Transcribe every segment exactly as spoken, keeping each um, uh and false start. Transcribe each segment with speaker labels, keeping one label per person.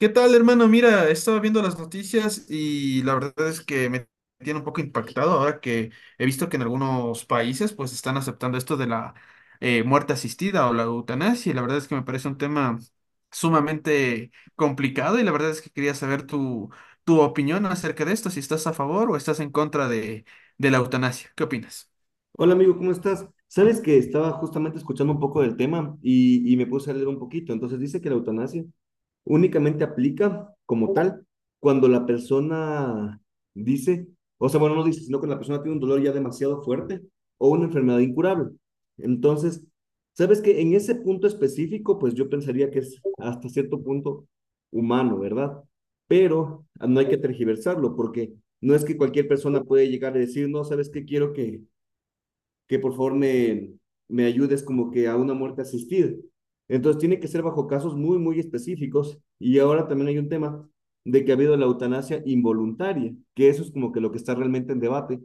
Speaker 1: ¿Qué tal, hermano? Mira, estaba viendo las noticias y la verdad es que me tiene un poco impactado ahora que he visto que en algunos países pues están aceptando esto de la eh, muerte asistida o la eutanasia y la verdad es que me parece un tema sumamente complicado y la verdad es que quería saber tu, tu opinión acerca de esto, si estás a favor o estás en contra de, de la eutanasia. ¿Qué opinas?
Speaker 2: Hola amigo, ¿cómo estás? Sabes que estaba justamente escuchando un poco del tema y, y me puse a leer un poquito. Entonces dice que la eutanasia únicamente aplica como tal cuando la persona dice, o sea, bueno, no dice, sino cuando la persona tiene un dolor ya demasiado fuerte o una enfermedad incurable. Entonces, sabes que en ese punto específico, pues yo pensaría que es hasta cierto punto humano, ¿verdad? Pero no hay que tergiversarlo porque no es que cualquier persona puede llegar a decir, no, ¿sabes qué? Quiero que que por favor me, me ayudes como que a una muerte asistida. Entonces tiene que ser bajo casos muy, muy específicos. Y ahora también hay un tema de que ha habido la eutanasia involuntaria, que eso es como que lo que está realmente en debate,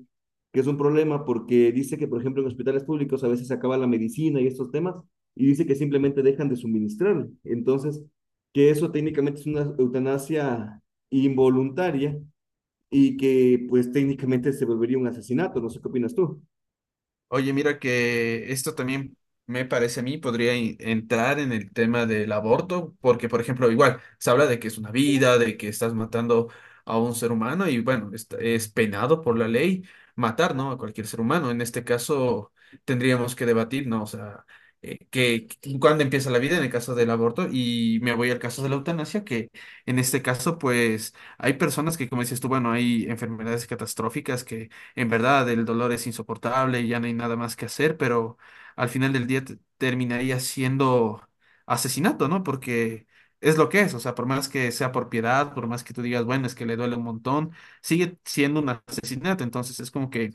Speaker 2: que es un problema porque dice que, por ejemplo, en hospitales públicos a veces se acaba la medicina y estos temas, y dice que simplemente dejan de suministrar. Entonces, que eso técnicamente es una eutanasia involuntaria y que pues técnicamente se volvería un asesinato. No sé qué opinas tú.
Speaker 1: Oye, mira que esto también me parece a mí podría in- entrar en el tema del aborto, porque por ejemplo, igual se habla de que es una vida, de que estás matando a un ser humano y bueno, est- es, penado por la ley matar, ¿no? A cualquier ser humano. En este caso tendríamos que debatir, ¿no? O sea, eh, que, que- cuándo empieza la vida en el caso del aborto y me voy al caso de la eutanasia, que en este caso pues hay personas que, como dices tú, bueno, hay enfermedades catastróficas que en verdad el dolor es insoportable y ya no hay nada más que hacer, pero al final del día te- terminaría siendo asesinato, ¿no? Porque es lo que es, o sea, por más que sea por piedad, por más que tú digas, bueno, es que le duele un montón, sigue siendo un asesinato, entonces es como que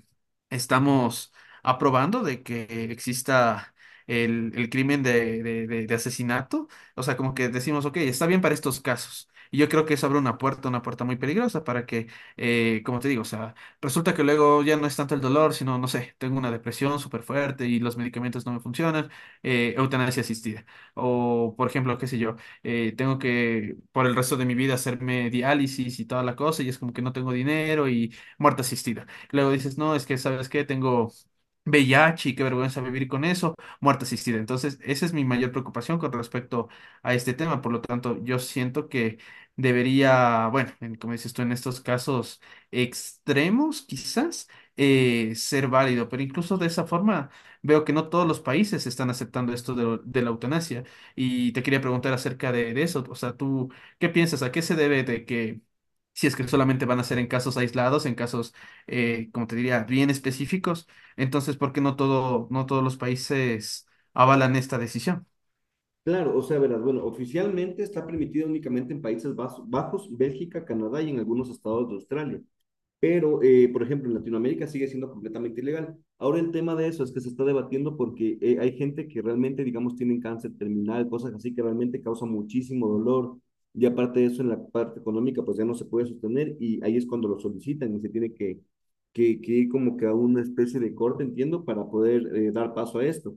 Speaker 1: estamos aprobando de que exista el, el crimen de, de, de- de asesinato, o sea, como que decimos, ok, está bien para estos casos. Y yo creo que eso abre una puerta, una puerta muy peligrosa para que, eh, como te digo, o sea, resulta que luego ya no es tanto el dolor, sino, no sé, tengo una depresión súper fuerte y los medicamentos no me funcionan, eh, eutanasia asistida. O, por ejemplo, qué sé yo, eh, tengo que por el resto de mi vida hacerme diálisis y toda la cosa y es como que no tengo dinero y muerte asistida. Luego dices, no, es que, ¿sabes qué? Tengo V I H y qué vergüenza vivir con eso, muerte asistida. Entonces, esa es mi mayor preocupación con respecto a este tema. Por lo tanto, yo siento que debería, bueno, en- como dices tú, en estos casos extremos, quizás, eh, ser válido. Pero incluso de esa forma veo que no todos los países están aceptando esto de, lo- de la eutanasia. Y te quería preguntar acerca de, de eso. O sea, ¿tú qué piensas? ¿A qué se debe de que, si es que solamente van a ser en casos aislados, en casos, eh, como te diría, bien específicos, entonces, ¿por qué no todo, no todos los países avalan esta decisión?
Speaker 2: Claro, o sea, verás, bueno, oficialmente está permitido únicamente en Países Bas- Bajos, Bélgica, Canadá y en algunos estados de Australia. Pero, eh, por ejemplo, en Latinoamérica sigue siendo completamente ilegal. Ahora el tema de eso es que se está debatiendo porque eh, hay gente que realmente, digamos, tienen cáncer terminal, cosas así que realmente causan muchísimo dolor. Y aparte de eso, en la parte económica, pues ya no se puede sostener y ahí es cuando lo solicitan y se tiene que, que, que ir como que a una especie de corte, entiendo, para poder eh, dar paso a esto.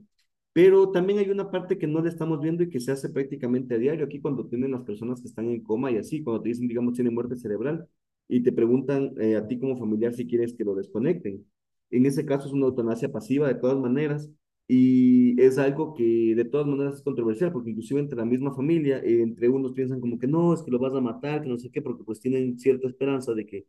Speaker 2: Pero también hay una parte que no le estamos viendo y que se hace prácticamente a diario. Aquí cuando tienen las personas que están en coma y así, cuando te dicen, digamos, tienen muerte cerebral y te preguntan eh, a ti como familiar si quieres que lo desconecten. En ese caso es una eutanasia pasiva de todas maneras y es algo que de todas maneras es controversial porque inclusive entre la misma familia, eh, entre unos piensan como que no, es que lo vas a matar, que no sé qué, porque pues tienen cierta esperanza de que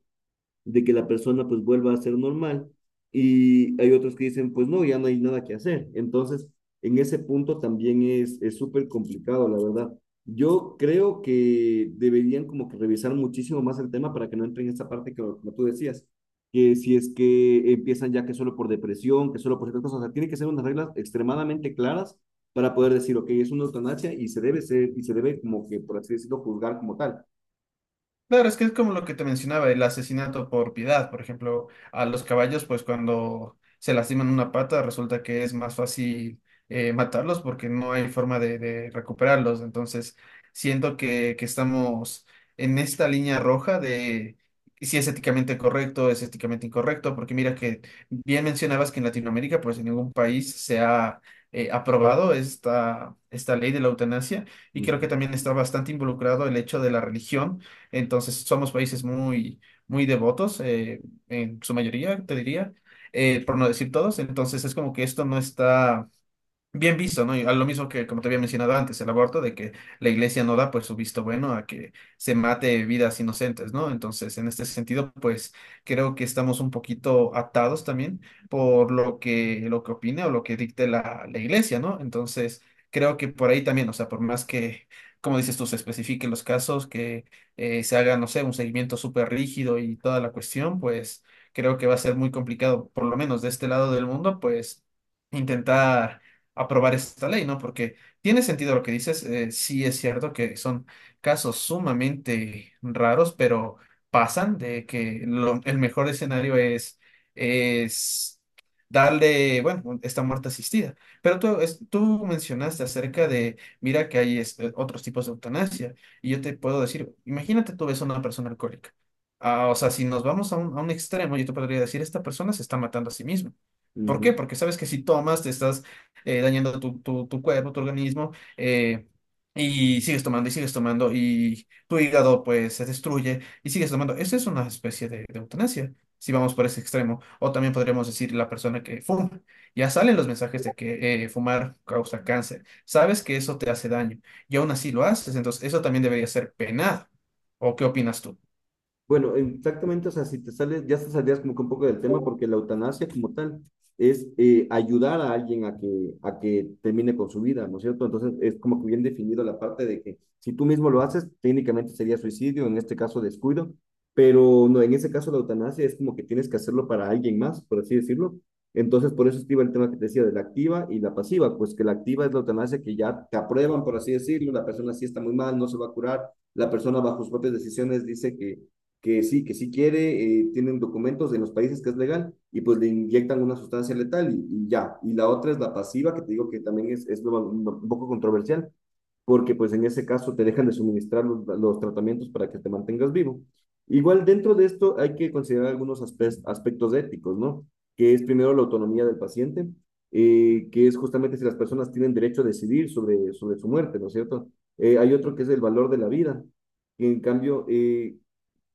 Speaker 2: de que la persona pues vuelva a ser normal. Y hay otros que dicen, pues no, ya no hay nada que hacer. Entonces, en ese punto también es es súper complicado, la verdad. Yo creo que deberían como que revisar muchísimo más el tema para que no entren en esa parte que como tú decías, que si es que empiezan ya que solo por depresión, que solo por ciertas cosas, o sea, tiene que ser unas reglas extremadamente claras para poder decir, ok, es una eutanasia y se debe ser, y se debe como que, por así decirlo, juzgar como tal.
Speaker 1: Claro, es que es como lo que te mencionaba, el asesinato por piedad. Por ejemplo, a los caballos, pues cuando se lastiman una pata, resulta que es más fácil eh, matarlos porque no hay forma de, de recuperarlos. Entonces, siento que, que estamos en esta línea roja de si es éticamente correcto, es éticamente incorrecto, porque mira que bien mencionabas que en Latinoamérica, pues en ningún país se ha eh, aprobado esta, esta ley de la eutanasia y creo que
Speaker 2: Ujú,
Speaker 1: también está bastante involucrado el hecho de la religión. Entonces, somos países muy, muy devotos, eh, en su mayoría, te diría, eh, por no decir todos. Entonces, es como que esto no está bien visto, ¿no? Y a lo mismo que, como te había mencionado antes, el aborto, de que la iglesia no da pues su visto bueno a que se mate vidas inocentes, ¿no? Entonces, en este sentido, pues creo que estamos un poquito atados también por lo que, lo que opine o lo que dicte la, la iglesia, ¿no? Entonces, creo que por ahí también, o sea, por más que, como dices tú, se especifiquen los casos, que eh, se haga, no sé, un seguimiento súper rígido y toda la cuestión, pues creo que va a ser muy complicado, por lo menos de este lado del mundo, pues intentar aprobar esta ley, ¿no? Porque tiene sentido lo que dices, eh, sí es cierto que son casos sumamente raros, pero pasan de que lo- el mejor escenario es, es darle, bueno, esta muerte asistida. Pero tú, es- tú mencionaste acerca de, mira que hay es- eh, otros tipos de eutanasia, y yo te puedo decir, imagínate tú ves a una persona alcohólica. Ah, o sea, si nos vamos a un, a un extremo, yo te podría decir, esta persona se está matando a sí misma. ¿Por qué?
Speaker 2: ujú.
Speaker 1: Porque sabes que si tomas, te estás eh, dañando tu, tu, tu cuerpo, tu organismo, eh, y sigues tomando y sigues tomando y tu hígado pues se destruye y sigues tomando. Eso es una especie de, de eutanasia, si vamos por ese extremo. O también podríamos decir la persona que fuma. Ya salen los mensajes de que eh, fumar causa cáncer. Sabes que eso te hace daño y aún así lo haces, entonces eso también debería ser penado. ¿O qué opinas tú?
Speaker 2: Bueno, exactamente, o sea, si te sales, ya te saldrías como que un poco del tema, porque la eutanasia como tal es eh, ayudar a alguien a que, a que termine con su vida, ¿no es cierto? Entonces es como que bien definido la parte de que si tú mismo lo haces, técnicamente sería suicidio, en este caso descuido, pero no, en ese caso la eutanasia es como que tienes que hacerlo para alguien más, por así decirlo. Entonces por eso iba el tema que te decía de la activa y la pasiva, pues que la activa es la eutanasia que ya te aprueban, por así decirlo, la persona sí está muy mal, no se va a curar, la persona bajo sus propias decisiones dice que que sí, que sí quiere, eh, tienen documentos en los países que es legal y pues le inyectan una sustancia letal y, y ya. Y la otra es la pasiva, que te digo que también es, es lo- lo, un poco controversial, porque pues en ese caso te dejan de suministrar los, los tratamientos para que te mantengas vivo. Igual dentro de esto hay que considerar algunos aspe- aspectos éticos, ¿no? Que es primero la autonomía del paciente, eh, que es justamente si las personas tienen derecho a decidir sobre, sobre su muerte, ¿no es cierto? Eh, hay otro que es el valor de la vida, que en cambio eh,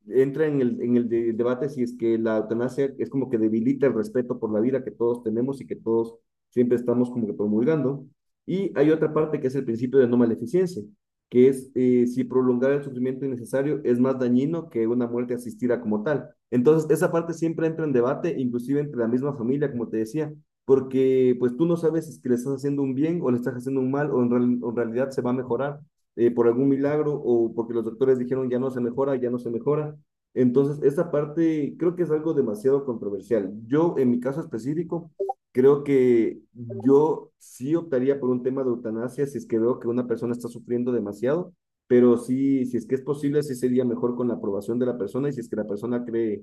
Speaker 2: entra en el, en el de- debate si es que la eutanasia es como que debilita el respeto por la vida que todos tenemos y que todos siempre estamos como que promulgando. Y hay otra parte que es el principio de no maleficencia, que es eh, si prolongar el sufrimiento innecesario es más dañino que una muerte asistida como tal. Entonces, esa parte siempre entra en debate, inclusive entre la misma familia, como te decía, porque pues tú no sabes si es que le estás haciendo un bien o le estás haciendo un mal o en real- o en realidad se va a mejorar eh, por algún milagro o porque los doctores dijeron ya no se mejora, ya no se mejora. Entonces, esa parte creo que es algo demasiado controversial. Yo, en mi caso específico, creo que yo sí optaría por un tema de eutanasia si es que veo que una persona está sufriendo demasiado, pero sí, si es que es posible, sí sería mejor con la aprobación de la persona y si es que la persona cree,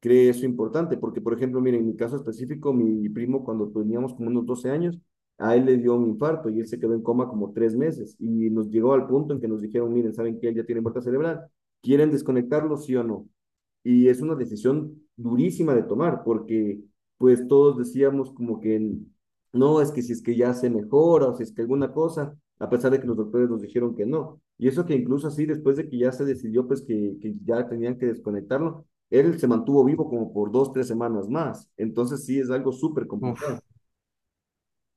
Speaker 2: cree eso importante. Porque, por ejemplo, miren, en mi caso específico, mi primo cuando teníamos como unos doce años, a él le dio un infarto y él se quedó en coma como tres meses y nos llegó al punto en que nos dijeron, miren, saben que él ya tiene muerte cerebral, ¿quieren desconectarlo, sí o no? Y es una decisión durísima de tomar porque pues todos decíamos como que no, es que si es que ya se mejora o si es que alguna cosa, a pesar de que los doctores nos dijeron que no. Y eso que incluso así, después de que ya se decidió pues que, que ya tenían que desconectarlo, él se mantuvo vivo como por dos, tres semanas más. Entonces sí es algo súper
Speaker 1: Uf.
Speaker 2: complicado.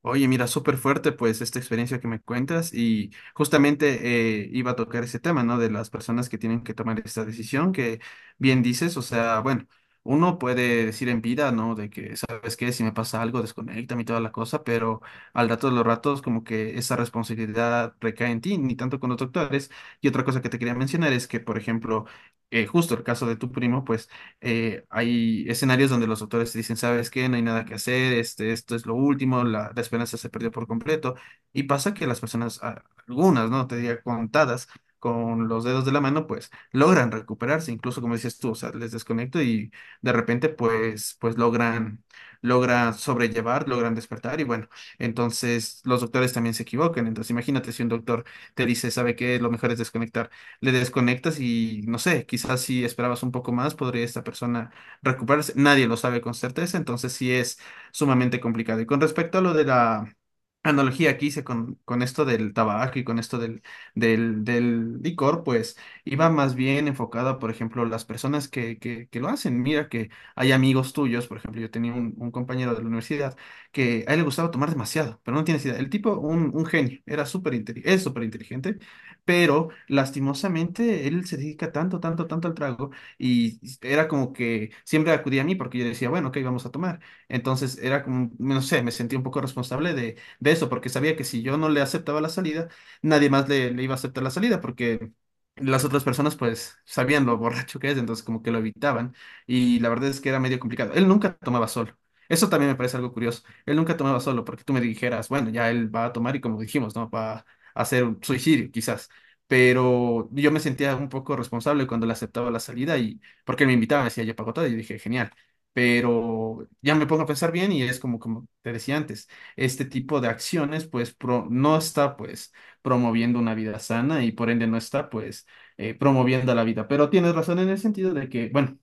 Speaker 1: Oye, mira, súper fuerte pues esta experiencia que me cuentas y justamente eh, iba a tocar ese tema, ¿no? De las personas que tienen que tomar esta decisión, que bien dices, o sea, bueno, uno puede decir en vida, ¿no? De que, ¿sabes qué? Si me pasa algo, desconéctame y toda la cosa, pero al rato de los ratos como que esa responsabilidad recae en ti, ni tanto con los doctores. Y otra cosa que te quería mencionar es que, por ejemplo, eh, justo el caso de tu primo, pues eh, hay escenarios donde los autores te dicen, ¿sabes qué? No hay nada que hacer, este, esto es lo último, la, la esperanza se perdió por completo. Y pasa que las personas, a- algunas, ¿no? Te diría contadas con los dedos de la mano, pues logran recuperarse, incluso como dices tú, o sea, les desconecto y de repente, pues, pues logran, logran sobrellevar, logran despertar y bueno, entonces los doctores también se equivocan. Entonces imagínate si un doctor te dice, ¿sabe qué? Lo mejor es desconectar, le desconectas y no sé, quizás si esperabas un poco más, podría esta persona recuperarse. Nadie lo sabe con certeza, entonces sí es sumamente complicado. Y con respecto a lo de la analogía que hice con, con esto del tabaco y con esto del, del, del licor, pues iba más bien enfocada, por ejemplo, las personas que, que, que lo hacen. Mira que hay amigos tuyos, por ejemplo, yo tenía un, un compañero de la universidad que a él le gustaba tomar demasiado, pero no tienes idea. El tipo, un, un genio, era súper inteli- es súper inteligente, pero lastimosamente él se dedica tanto, tanto, tanto al trago y era como que siempre acudía a mí porque yo decía, bueno, ok, vamos a tomar. Entonces era como, no sé, me sentí un poco responsable de, de eso porque sabía que si yo no le aceptaba la salida, nadie más le, le iba a aceptar la salida porque las otras personas pues sabían lo borracho que es, entonces como que lo evitaban y la verdad es que era medio complicado. Él nunca tomaba solo. Eso también me parece algo curioso. Él nunca tomaba solo porque tú me dijeras, bueno, ya él va a tomar y como dijimos, ¿no? Va a hacer un suicidio, quizás, pero yo me sentía un poco responsable cuando le aceptaba la salida y porque él me invitaba, decía ya pago todo", y yo dije, genial. Pero ya me pongo a pensar bien y es como, como te decía antes, este tipo de acciones pues pro- no está pues promoviendo una vida sana y por ende no está pues eh, promoviendo la vida. Pero tienes razón en el sentido de que, bueno,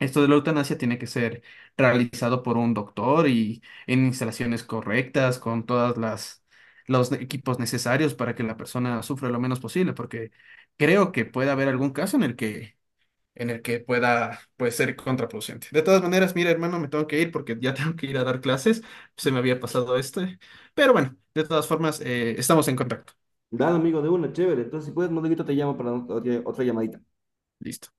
Speaker 1: esto de la eutanasia tiene que ser realizado por un doctor y en instalaciones correctas, con todas las los equipos necesarios para que la persona sufra lo menos posible, porque creo que puede haber algún caso en el que, en el que pueda, pues, ser contraproducente. De todas maneras, mira, hermano, me tengo que ir porque ya tengo que ir a dar clases. Se me había pasado este. Pero bueno, de todas formas, eh, estamos en contacto.
Speaker 2: Dale, amigo, de una, chévere. Entonces, si puedes, luego te llamo para otra otra llamadita.
Speaker 1: Listo.